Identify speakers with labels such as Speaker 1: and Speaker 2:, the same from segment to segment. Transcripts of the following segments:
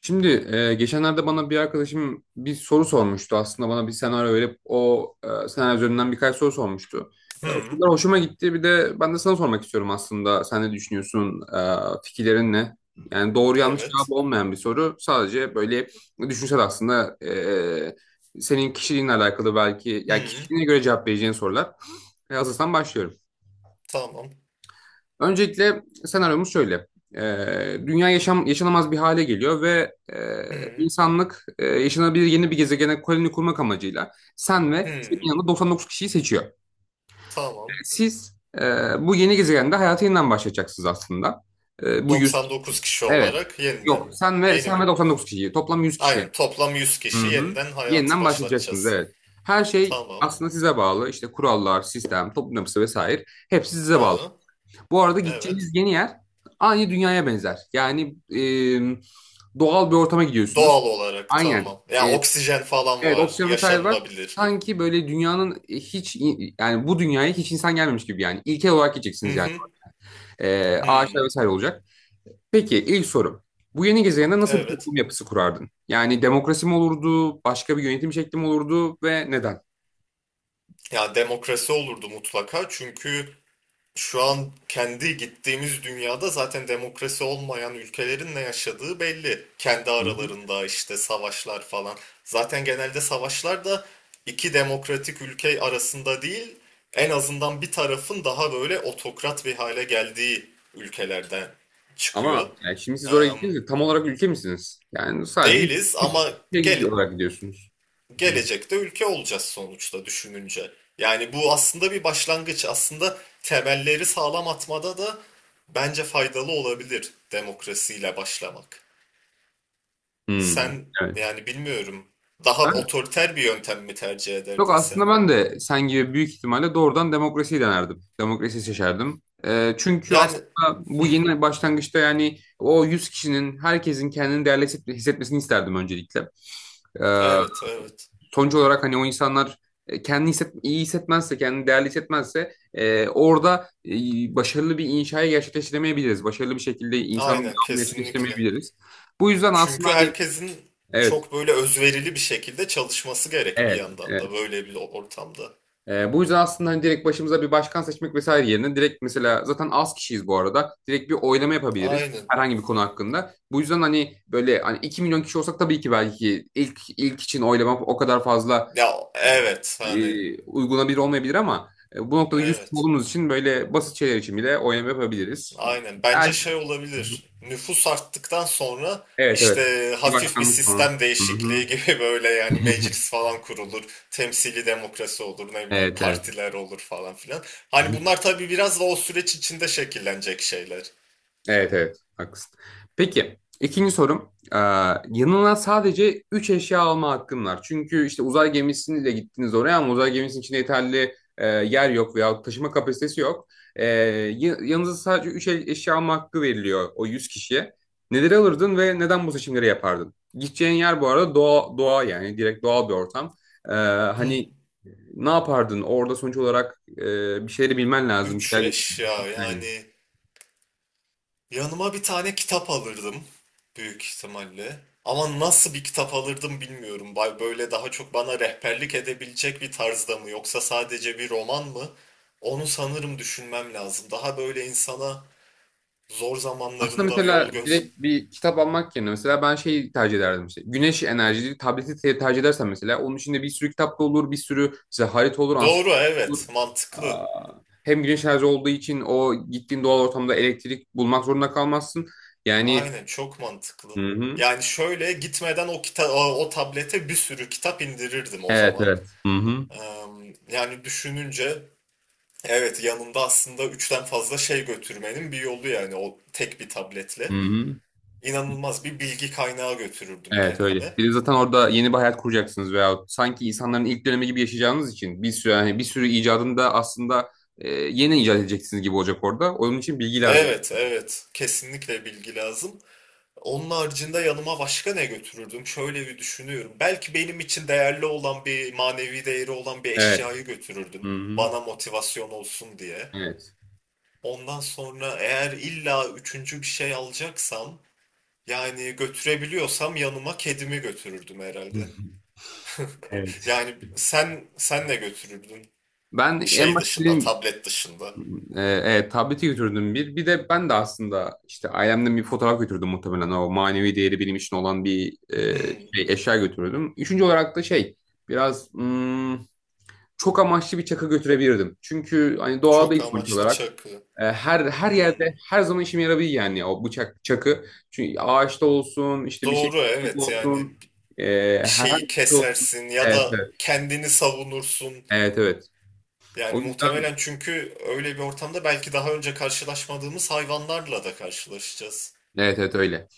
Speaker 1: Şimdi geçenlerde bana bir arkadaşım bir soru sormuştu. Aslında bana bir senaryo verip o senaryo üzerinden birkaç soru sormuştu. O
Speaker 2: Hı,
Speaker 1: sorular hoşuma gitti. Bir de ben de sana sormak istiyorum aslında. Sen ne düşünüyorsun? Fikirlerin ne? Yani doğru yanlış cevap
Speaker 2: evet.
Speaker 1: olmayan bir soru. Sadece böyle düşünsel aslında, senin kişiliğinle alakalı belki, ya yani
Speaker 2: Hı,
Speaker 1: kişiliğine göre cevap vereceğin sorular. Hazırsan başlıyorum.
Speaker 2: tamam.
Speaker 1: Öncelikle senaryomuz şöyle. Dünya yaşam, yaşanamaz bir hale geliyor ve
Speaker 2: Hı,
Speaker 1: insanlık yaşanabilir yeni bir gezegene koloni kurmak amacıyla sen ve senin
Speaker 2: hı,
Speaker 1: yanında 99 kişiyi seçiyor.
Speaker 2: tamam.
Speaker 1: Siz e, bu yeni gezegende hayata yeniden başlayacaksınız aslında. Bu 100 kişi.
Speaker 2: 99 kişi
Speaker 1: Evet.
Speaker 2: olarak yeniden.
Speaker 1: Yok, sen ve
Speaker 2: Yeni bir...
Speaker 1: 99 kişi. Toplam 100 kişi yani.
Speaker 2: Aynen, toplam 100 kişi
Speaker 1: Hı hı.
Speaker 2: yeniden hayatı
Speaker 1: Yeniden başlayacaksınız,
Speaker 2: başlatacağız.
Speaker 1: evet. Her şey
Speaker 2: Tamam.
Speaker 1: aslında size bağlı. İşte kurallar, sistem, toplum yapısı vesaire. Hepsi size bağlı.
Speaker 2: Hı,
Speaker 1: Bu arada gideceğiniz
Speaker 2: evet.
Speaker 1: yeni yer aynı dünyaya benzer. Yani e, doğal bir ortama gidiyorsunuz.
Speaker 2: Doğal olarak
Speaker 1: Aynen.
Speaker 2: tamam. Ya,
Speaker 1: E,
Speaker 2: oksijen falan
Speaker 1: evet,
Speaker 2: var.
Speaker 1: oksijen vesaire var.
Speaker 2: Yaşanılabilir.
Speaker 1: Sanki böyle dünyanın hiç, yani bu dünyaya hiç insan gelmemiş gibi yani. İlkel olarak
Speaker 2: Hı
Speaker 1: gideceksiniz yani.
Speaker 2: hı. Hı,
Speaker 1: Ağaçlar vesaire olacak. Peki, ilk sorum: Bu yeni gezegende nasıl bir
Speaker 2: evet.
Speaker 1: toplum yapısı kurardın? Yani demokrasi mi olurdu, başka bir yönetim şekli mi olurdu ve neden?
Speaker 2: Ya demokrasi olurdu mutlaka, çünkü şu an kendi gittiğimiz dünyada zaten demokrasi olmayan ülkelerin ne yaşadığı belli. Kendi
Speaker 1: Hı hı.
Speaker 2: aralarında işte savaşlar falan. Zaten genelde savaşlar da iki demokratik ülke arasında değil, en azından bir tarafın daha böyle otokrat bir hale geldiği ülkelerden çıkıyor.
Speaker 1: Ama yani şimdi siz oraya
Speaker 2: Em,
Speaker 1: gittiniz de tam olarak ülke misiniz? Yani sadece 100,
Speaker 2: Değiliz
Speaker 1: 100
Speaker 2: ama
Speaker 1: kişiye
Speaker 2: gel
Speaker 1: gidiyor olarak gidiyorsunuz.
Speaker 2: gelecekte ülke olacağız sonuçta, düşününce. Yani bu aslında bir başlangıç. Aslında temelleri sağlam atmada da bence faydalı olabilir demokrasiyle başlamak.
Speaker 1: Hmm,
Speaker 2: Sen,
Speaker 1: evet.
Speaker 2: yani bilmiyorum, daha
Speaker 1: Ben,
Speaker 2: otoriter bir yöntem mi tercih
Speaker 1: Yok,
Speaker 2: ederdin sen?
Speaker 1: aslında ben de sen gibi büyük ihtimalle doğrudan demokrasiyi denerdim. Demokrasiyi seçerdim. Çünkü
Speaker 2: Yani
Speaker 1: aslında bu yeni başlangıçta, yani o 100 kişinin, herkesin, kendini değerli hissetmesini isterdim öncelikle. Ee,
Speaker 2: evet, evet,
Speaker 1: Sonuç olarak hani o insanlar kendini iyi hissetmezse, kendini değerli hissetmezse, orada başarılı bir inşayı gerçekleştiremeyebiliriz. Başarılı bir şekilde insanın
Speaker 2: aynen,
Speaker 1: devamını
Speaker 2: kesinlikle.
Speaker 1: gerçekleştiremeyebiliriz. Bu yüzden aslında
Speaker 2: Çünkü
Speaker 1: hani
Speaker 2: herkesin
Speaker 1: evet,
Speaker 2: çok böyle özverili bir şekilde çalışması gerek bir
Speaker 1: evet,
Speaker 2: yandan da
Speaker 1: evet.
Speaker 2: böyle bir ortamda.
Speaker 1: Bu yüzden aslında hani direkt başımıza bir başkan seçmek vesaire yerine, direkt mesela, zaten az kişiyiz bu arada. Direkt bir oylama yapabiliriz
Speaker 2: Aynen.
Speaker 1: herhangi bir konu hakkında. Bu yüzden hani böyle, hani 2 milyon kişi olsak tabii ki belki ilk için oylama o kadar fazla
Speaker 2: Ya evet, hani
Speaker 1: uygulanabilir olmayabilir ama bu noktada 100 kişi
Speaker 2: evet.
Speaker 1: olduğumuz için böyle basit şeyler için bile oylama yapabiliriz.
Speaker 2: Aynen. Bence
Speaker 1: Er-
Speaker 2: şey olabilir. Nüfus arttıktan sonra
Speaker 1: Evet, evet.
Speaker 2: işte
Speaker 1: Bir
Speaker 2: hafif bir
Speaker 1: başkanlık falan.
Speaker 2: sistem
Speaker 1: Hı
Speaker 2: değişikliği
Speaker 1: hı.
Speaker 2: gibi böyle yani meclis falan kurulur. Temsili demokrasi olur, ne bileyim
Speaker 1: Evet evet.
Speaker 2: partiler olur falan filan. Hani bunlar tabii biraz da o süreç içinde şekillenecek şeyler.
Speaker 1: Evet evet, haklısın. Peki, ikinci sorum. Yanına sadece 3 eşya alma hakkın var. Çünkü işte uzay gemisiyle gittiniz oraya ama uzay gemisinin içinde yeterli yer yok veya taşıma kapasitesi yok. Yanınıza sadece 3 eşya alma hakkı veriliyor o 100 kişiye. Neleri alırdın ve neden bu seçimleri yapardın? Gideceğin yer bu arada doğa, doğa, yani direkt doğal bir ortam. Ee, Hani
Speaker 2: Hmm.
Speaker 1: ne yapardın? Orada sonuç olarak bir şeyleri bilmen lazım. Bir
Speaker 2: Üç
Speaker 1: şeyler...
Speaker 2: eşya yani. Yanıma bir tane kitap alırdım büyük ihtimalle. Ama nasıl bir kitap alırdım bilmiyorum. Böyle daha çok bana rehberlik edebilecek bir tarzda mı, yoksa sadece bir roman mı? Onu sanırım düşünmem lazım. Daha böyle insana zor
Speaker 1: Aslında
Speaker 2: zamanlarında
Speaker 1: mesela
Speaker 2: yol göz.
Speaker 1: direkt bir kitap almak yerine mesela ben şeyi tercih ederdim işte. Güneş enerjili tableti tercih edersen, mesela onun içinde bir sürü kitap da olur, bir sürü işte harita olur,
Speaker 2: Doğru,
Speaker 1: ansiklopedi olur.
Speaker 2: evet, mantıklı.
Speaker 1: Aa, Hem güneş enerji olduğu için o gittiğin doğal ortamda elektrik bulmak zorunda kalmazsın. Yani
Speaker 2: Aynen, çok
Speaker 1: hı
Speaker 2: mantıklı.
Speaker 1: hı.
Speaker 2: Yani şöyle, gitmeden o tablete bir sürü kitap indirirdim o
Speaker 1: Evet
Speaker 2: zaman.
Speaker 1: evet. Hı hı.
Speaker 2: Eee, Yani düşününce, evet, yanında aslında üçten fazla şey götürmenin bir yolu, yani o tek bir
Speaker 1: Hı
Speaker 2: tabletle.
Speaker 1: hı.
Speaker 2: İnanılmaz bir bilgi kaynağı götürürdüm
Speaker 1: Evet öyle.
Speaker 2: kendime.
Speaker 1: Bir de zaten orada yeni bir hayat kuracaksınız veya sanki insanların ilk dönemi gibi yaşayacağınız için bir sürü, yani bir sürü icadını da aslında yeni icat edeceksiniz gibi olacak orada. Onun için bilgi lazım.
Speaker 2: Evet, evet, kesinlikle bilgi lazım. Onun haricinde yanıma başka ne götürürdüm? Şöyle bir düşünüyorum. Belki benim için değerli olan, bir manevi değeri olan bir
Speaker 1: Evet.
Speaker 2: eşyayı götürürdüm.
Speaker 1: Hı-hı.
Speaker 2: Bana motivasyon olsun diye.
Speaker 1: Evet.
Speaker 2: Ondan sonra, eğer illa üçüncü bir şey alacaksam, yani götürebiliyorsam, yanıma kedimi götürürdüm herhalde.
Speaker 1: Evet.
Speaker 2: Yani sen ne götürürdün?
Speaker 1: Ben en
Speaker 2: Şey
Speaker 1: başta
Speaker 2: dışında,
Speaker 1: dedim,
Speaker 2: tablet dışında.
Speaker 1: evet, tableti götürdüm bir. Bir de ben de aslında işte ailemden bir fotoğraf götürdüm muhtemelen. O manevi değeri benim için olan bir
Speaker 2: Hmm,
Speaker 1: eşya götürürdüm. Üçüncü olarak da biraz hmm, çok amaçlı bir çakı götürebilirdim. Çünkü hani
Speaker 2: Çok
Speaker 1: doğadayız sonuç
Speaker 2: amaçlı
Speaker 1: olarak.
Speaker 2: çakı.
Speaker 1: Her
Speaker 2: Hmm,
Speaker 1: yerde her zaman işime yarabilir, yani o bıçak çakı. Çünkü ağaçta olsun, işte bir şey
Speaker 2: doğru, evet, yani
Speaker 1: olsun. E,
Speaker 2: bir
Speaker 1: Herhangi
Speaker 2: şeyi
Speaker 1: bir şey olsun.
Speaker 2: kesersin ya
Speaker 1: Evet
Speaker 2: da
Speaker 1: evet.
Speaker 2: kendini savunursun.
Speaker 1: Evet evet. O
Speaker 2: Yani
Speaker 1: yüzden
Speaker 2: muhtemelen, çünkü öyle bir ortamda belki daha önce karşılaşmadığımız hayvanlarla da karşılaşacağız.
Speaker 1: evet evet öyle.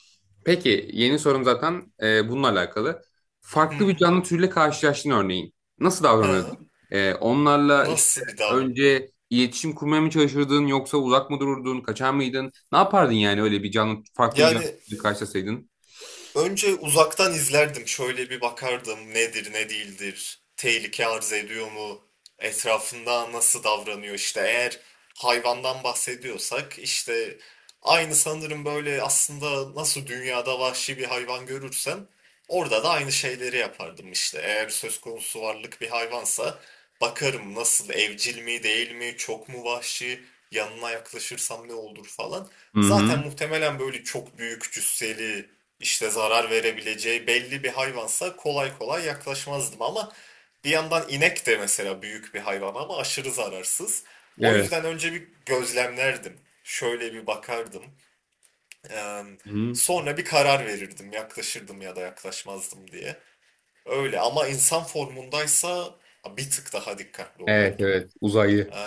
Speaker 1: Peki, yeni sorum zaten bununla alakalı. Farklı bir
Speaker 2: Hmm,
Speaker 1: canlı türüyle karşılaştın örneğin. Nasıl
Speaker 2: ha,
Speaker 1: davranırdın? Onlarla işte
Speaker 2: nasıl bir davranış.
Speaker 1: önce iletişim kurmaya mı çalışırdın yoksa uzak mı dururdun? Kaçar mıydın? Ne yapardın yani öyle bir canlı, farklı bir canlı
Speaker 2: Yani
Speaker 1: türüyle karşılaşsaydın?
Speaker 2: önce uzaktan izlerdim. Şöyle bir bakardım, nedir ne değildir. Tehlike arz ediyor mu? Etrafında nasıl davranıyor işte. Eğer hayvandan bahsediyorsak işte aynı, sanırım böyle aslında, nasıl dünyada vahşi bir hayvan görürsem orada da aynı şeyleri yapardım işte. Eğer söz konusu varlık bir hayvansa bakarım, nasıl, evcil mi değil mi, çok mu vahşi, yanına yaklaşırsam ne olur falan.
Speaker 1: Hı hı.
Speaker 2: Zaten muhtemelen böyle çok büyük cüsseli, işte zarar verebileceği belli bir hayvansa kolay kolay yaklaşmazdım ama bir yandan inek de mesela büyük bir hayvan ama aşırı zararsız. O
Speaker 1: Evet.
Speaker 2: yüzden önce bir gözlemlerdim. Şöyle bir bakardım. Eee,
Speaker 1: Hı hı.
Speaker 2: Sonra bir karar verirdim, yaklaşırdım ya da yaklaşmazdım diye. Öyle, ama insan formundaysa bir tık daha dikkatli
Speaker 1: Evet
Speaker 2: olurdum.
Speaker 1: evet, uzaylı.
Speaker 2: Eee,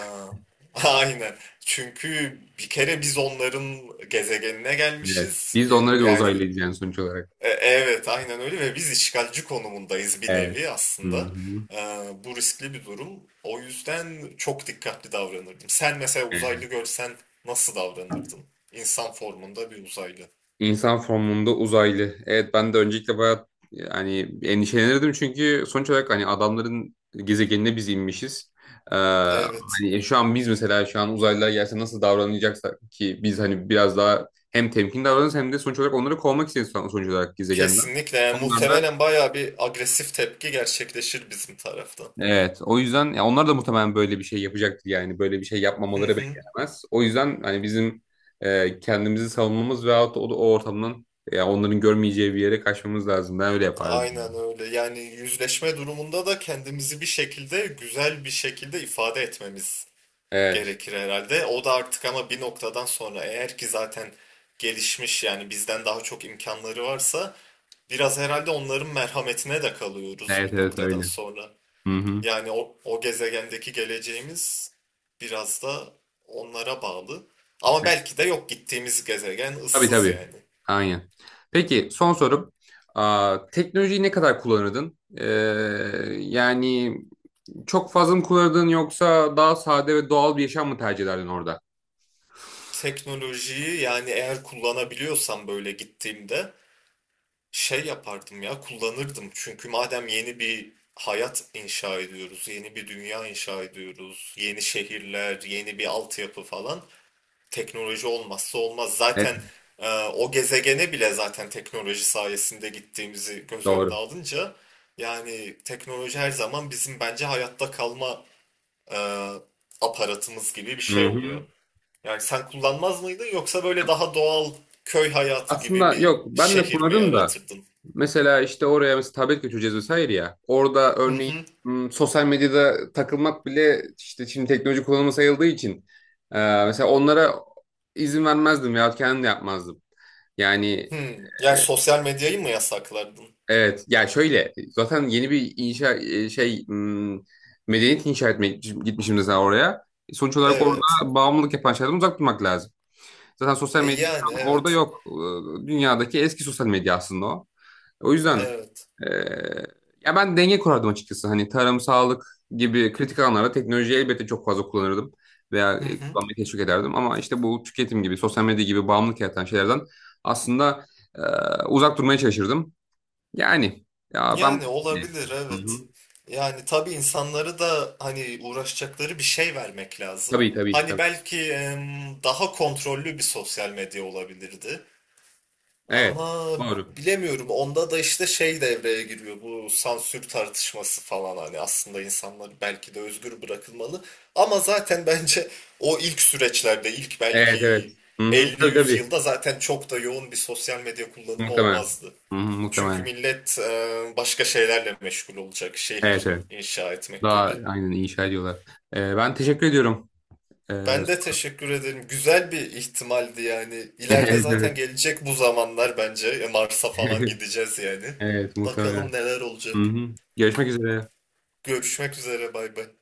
Speaker 2: aynen. Çünkü bir kere biz onların gezegenine
Speaker 1: Evet.
Speaker 2: gelmişiz.
Speaker 1: Biz de onlara
Speaker 2: Bir,
Speaker 1: göre
Speaker 2: yani
Speaker 1: uzaylıyız yani sonuç olarak.
Speaker 2: evet, aynen öyle, ve biz işgalci konumundayız bir
Speaker 1: Evet.
Speaker 2: nevi
Speaker 1: Hı
Speaker 2: aslında.
Speaker 1: hı.
Speaker 2: E, Bu riskli bir durum. O yüzden çok dikkatli davranırdım. Sen mesela uzaylı görsen nasıl davranırdın? İnsan formunda bir uzaylı.
Speaker 1: İnsan formunda uzaylı. Evet, ben de öncelikle bayağı, yani endişelenirdim çünkü sonuç olarak hani adamların gezegenine biz inmişiz.
Speaker 2: Evet,
Speaker 1: Hani, şu an uzaylılar gelse nasıl davranacaksak, ki biz hani biraz daha hem temkin davranırız hem de sonuç olarak onları kovmak istiyoruz sonuç olarak gezegenden.
Speaker 2: kesinlikle. Yani
Speaker 1: Onlar da
Speaker 2: muhtemelen bayağı bir agresif tepki gerçekleşir bizim taraftan.
Speaker 1: Evet, o yüzden ya onlar da muhtemelen böyle bir şey yapacaktır, yani böyle bir şey
Speaker 2: Hı
Speaker 1: yapmamaları
Speaker 2: hı.
Speaker 1: beklenemez. O yüzden hani bizim kendimizi savunmamız veyahut da o ortamdan, ya onların görmeyeceği bir yere kaçmamız lazım. Ben öyle yapardım.
Speaker 2: Aynen öyle. Yani yüzleşme durumunda da kendimizi bir şekilde, güzel bir şekilde ifade etmemiz
Speaker 1: Evet,
Speaker 2: gerekir herhalde. O da artık, ama bir noktadan sonra eğer ki zaten gelişmiş, yani bizden daha çok imkanları varsa biraz herhalde onların merhametine de kalıyoruz
Speaker 1: evet,
Speaker 2: bir
Speaker 1: evet
Speaker 2: noktadan
Speaker 1: öyle.
Speaker 2: sonra.
Speaker 1: Hı hı.
Speaker 2: Yani o gezegendeki geleceğimiz biraz da onlara bağlı. Ama belki de yok, gittiğimiz gezegen
Speaker 1: Tabii
Speaker 2: ıssız
Speaker 1: tabii.
Speaker 2: yani.
Speaker 1: Aynen. Peki, son sorum. Teknolojiyi ne kadar kullanırdın? Yani çok fazla mı kullanırdın yoksa daha sade ve doğal bir yaşam mı tercih ederdin orada?
Speaker 2: Teknolojiyi, yani eğer kullanabiliyorsam böyle gittiğimde, şey yapardım ya, kullanırdım, çünkü madem yeni bir hayat inşa ediyoruz, yeni bir dünya inşa ediyoruz, yeni şehirler, yeni bir altyapı falan, teknoloji olmazsa olmaz.
Speaker 1: Evet,
Speaker 2: Zaten o gezegene bile zaten teknoloji sayesinde gittiğimizi göz önüne
Speaker 1: doğru.
Speaker 2: alınca, yani teknoloji her zaman bizim bence hayatta kalma e, aparatımız gibi bir
Speaker 1: Hı
Speaker 2: şey
Speaker 1: hı.
Speaker 2: oluyor. Yani sen kullanmaz mıydın, yoksa böyle daha doğal köy hayatı gibi
Speaker 1: Aslında
Speaker 2: bir
Speaker 1: yok, ben de
Speaker 2: şehir mi
Speaker 1: kurarım da,
Speaker 2: yaratırdın?
Speaker 1: mesela işte oraya mesela tablet götüreceğiz vesaire ya. Orada örneğin sosyal medyada takılmak bile işte şimdi teknoloji kullanımı sayıldığı için e, mesela onlara izin vermezdim veyahut kendim de yapmazdım. Yani
Speaker 2: Yani sosyal medyayı mı yasaklardın?
Speaker 1: evet, ya şöyle, zaten yeni bir inşa e, şey m, medeniyet inşa etmeye gitmişim mesela oraya. Sonuç olarak orada
Speaker 2: Evet.
Speaker 1: bağımlılık yapan şeylerden uzak durmak lazım. Zaten sosyal medya
Speaker 2: Yani
Speaker 1: şu an orada
Speaker 2: evet.
Speaker 1: yok. Dünyadaki eski sosyal medya aslında o. O yüzden
Speaker 2: Evet.
Speaker 1: e, ya ben denge kurardım açıkçası. Hani tarım, sağlık gibi kritik alanlarda teknolojiyi elbette çok fazla kullanırdım veya
Speaker 2: Hı hı.
Speaker 1: kullanmayı teşvik ederdim. Ama işte bu tüketim gibi, sosyal medya gibi bağımlılık yaratan şeylerden aslında e, uzak durmaya çalışırdım. Yani ya ben
Speaker 2: Yani olabilir,
Speaker 1: Hı-hı.
Speaker 2: evet. Yani tabii insanları da hani uğraşacakları bir şey vermek lazım.
Speaker 1: Tabii tabii
Speaker 2: Hani
Speaker 1: tabii.
Speaker 2: belki daha kontrollü bir sosyal medya olabilirdi.
Speaker 1: Evet.
Speaker 2: Ama
Speaker 1: Doğru.
Speaker 2: bilemiyorum. Onda da işte şey devreye giriyor. Bu sansür tartışması falan, hani aslında insanlar belki de özgür bırakılmalı. Ama zaten bence o ilk süreçlerde, ilk
Speaker 1: Evet evet.
Speaker 2: belki
Speaker 1: Hı-hı. Tabii
Speaker 2: 50-100
Speaker 1: tabii.
Speaker 2: yılda zaten çok da yoğun bir sosyal medya kullanımı
Speaker 1: Muhtemelen.
Speaker 2: olmazdı.
Speaker 1: Hı-hı,
Speaker 2: Çünkü
Speaker 1: muhtemelen.
Speaker 2: millet başka şeylerle meşgul olacak.
Speaker 1: Evet
Speaker 2: Şehir
Speaker 1: evet.
Speaker 2: inşa etmek
Speaker 1: Daha
Speaker 2: gibi.
Speaker 1: aynen, inşa ediyorlar. Ben teşekkür ediyorum. E,
Speaker 2: Ben de teşekkür ederim. Güzel bir ihtimaldi yani. İleride
Speaker 1: evet evet.
Speaker 2: zaten gelecek bu zamanlar bence. Mars'a falan gideceğiz yani.
Speaker 1: Evet
Speaker 2: Bakalım
Speaker 1: muhtemelen.
Speaker 2: neler
Speaker 1: Hı
Speaker 2: olacak.
Speaker 1: hı. Görüşmek üzere.
Speaker 2: Görüşmek üzere, bay bay.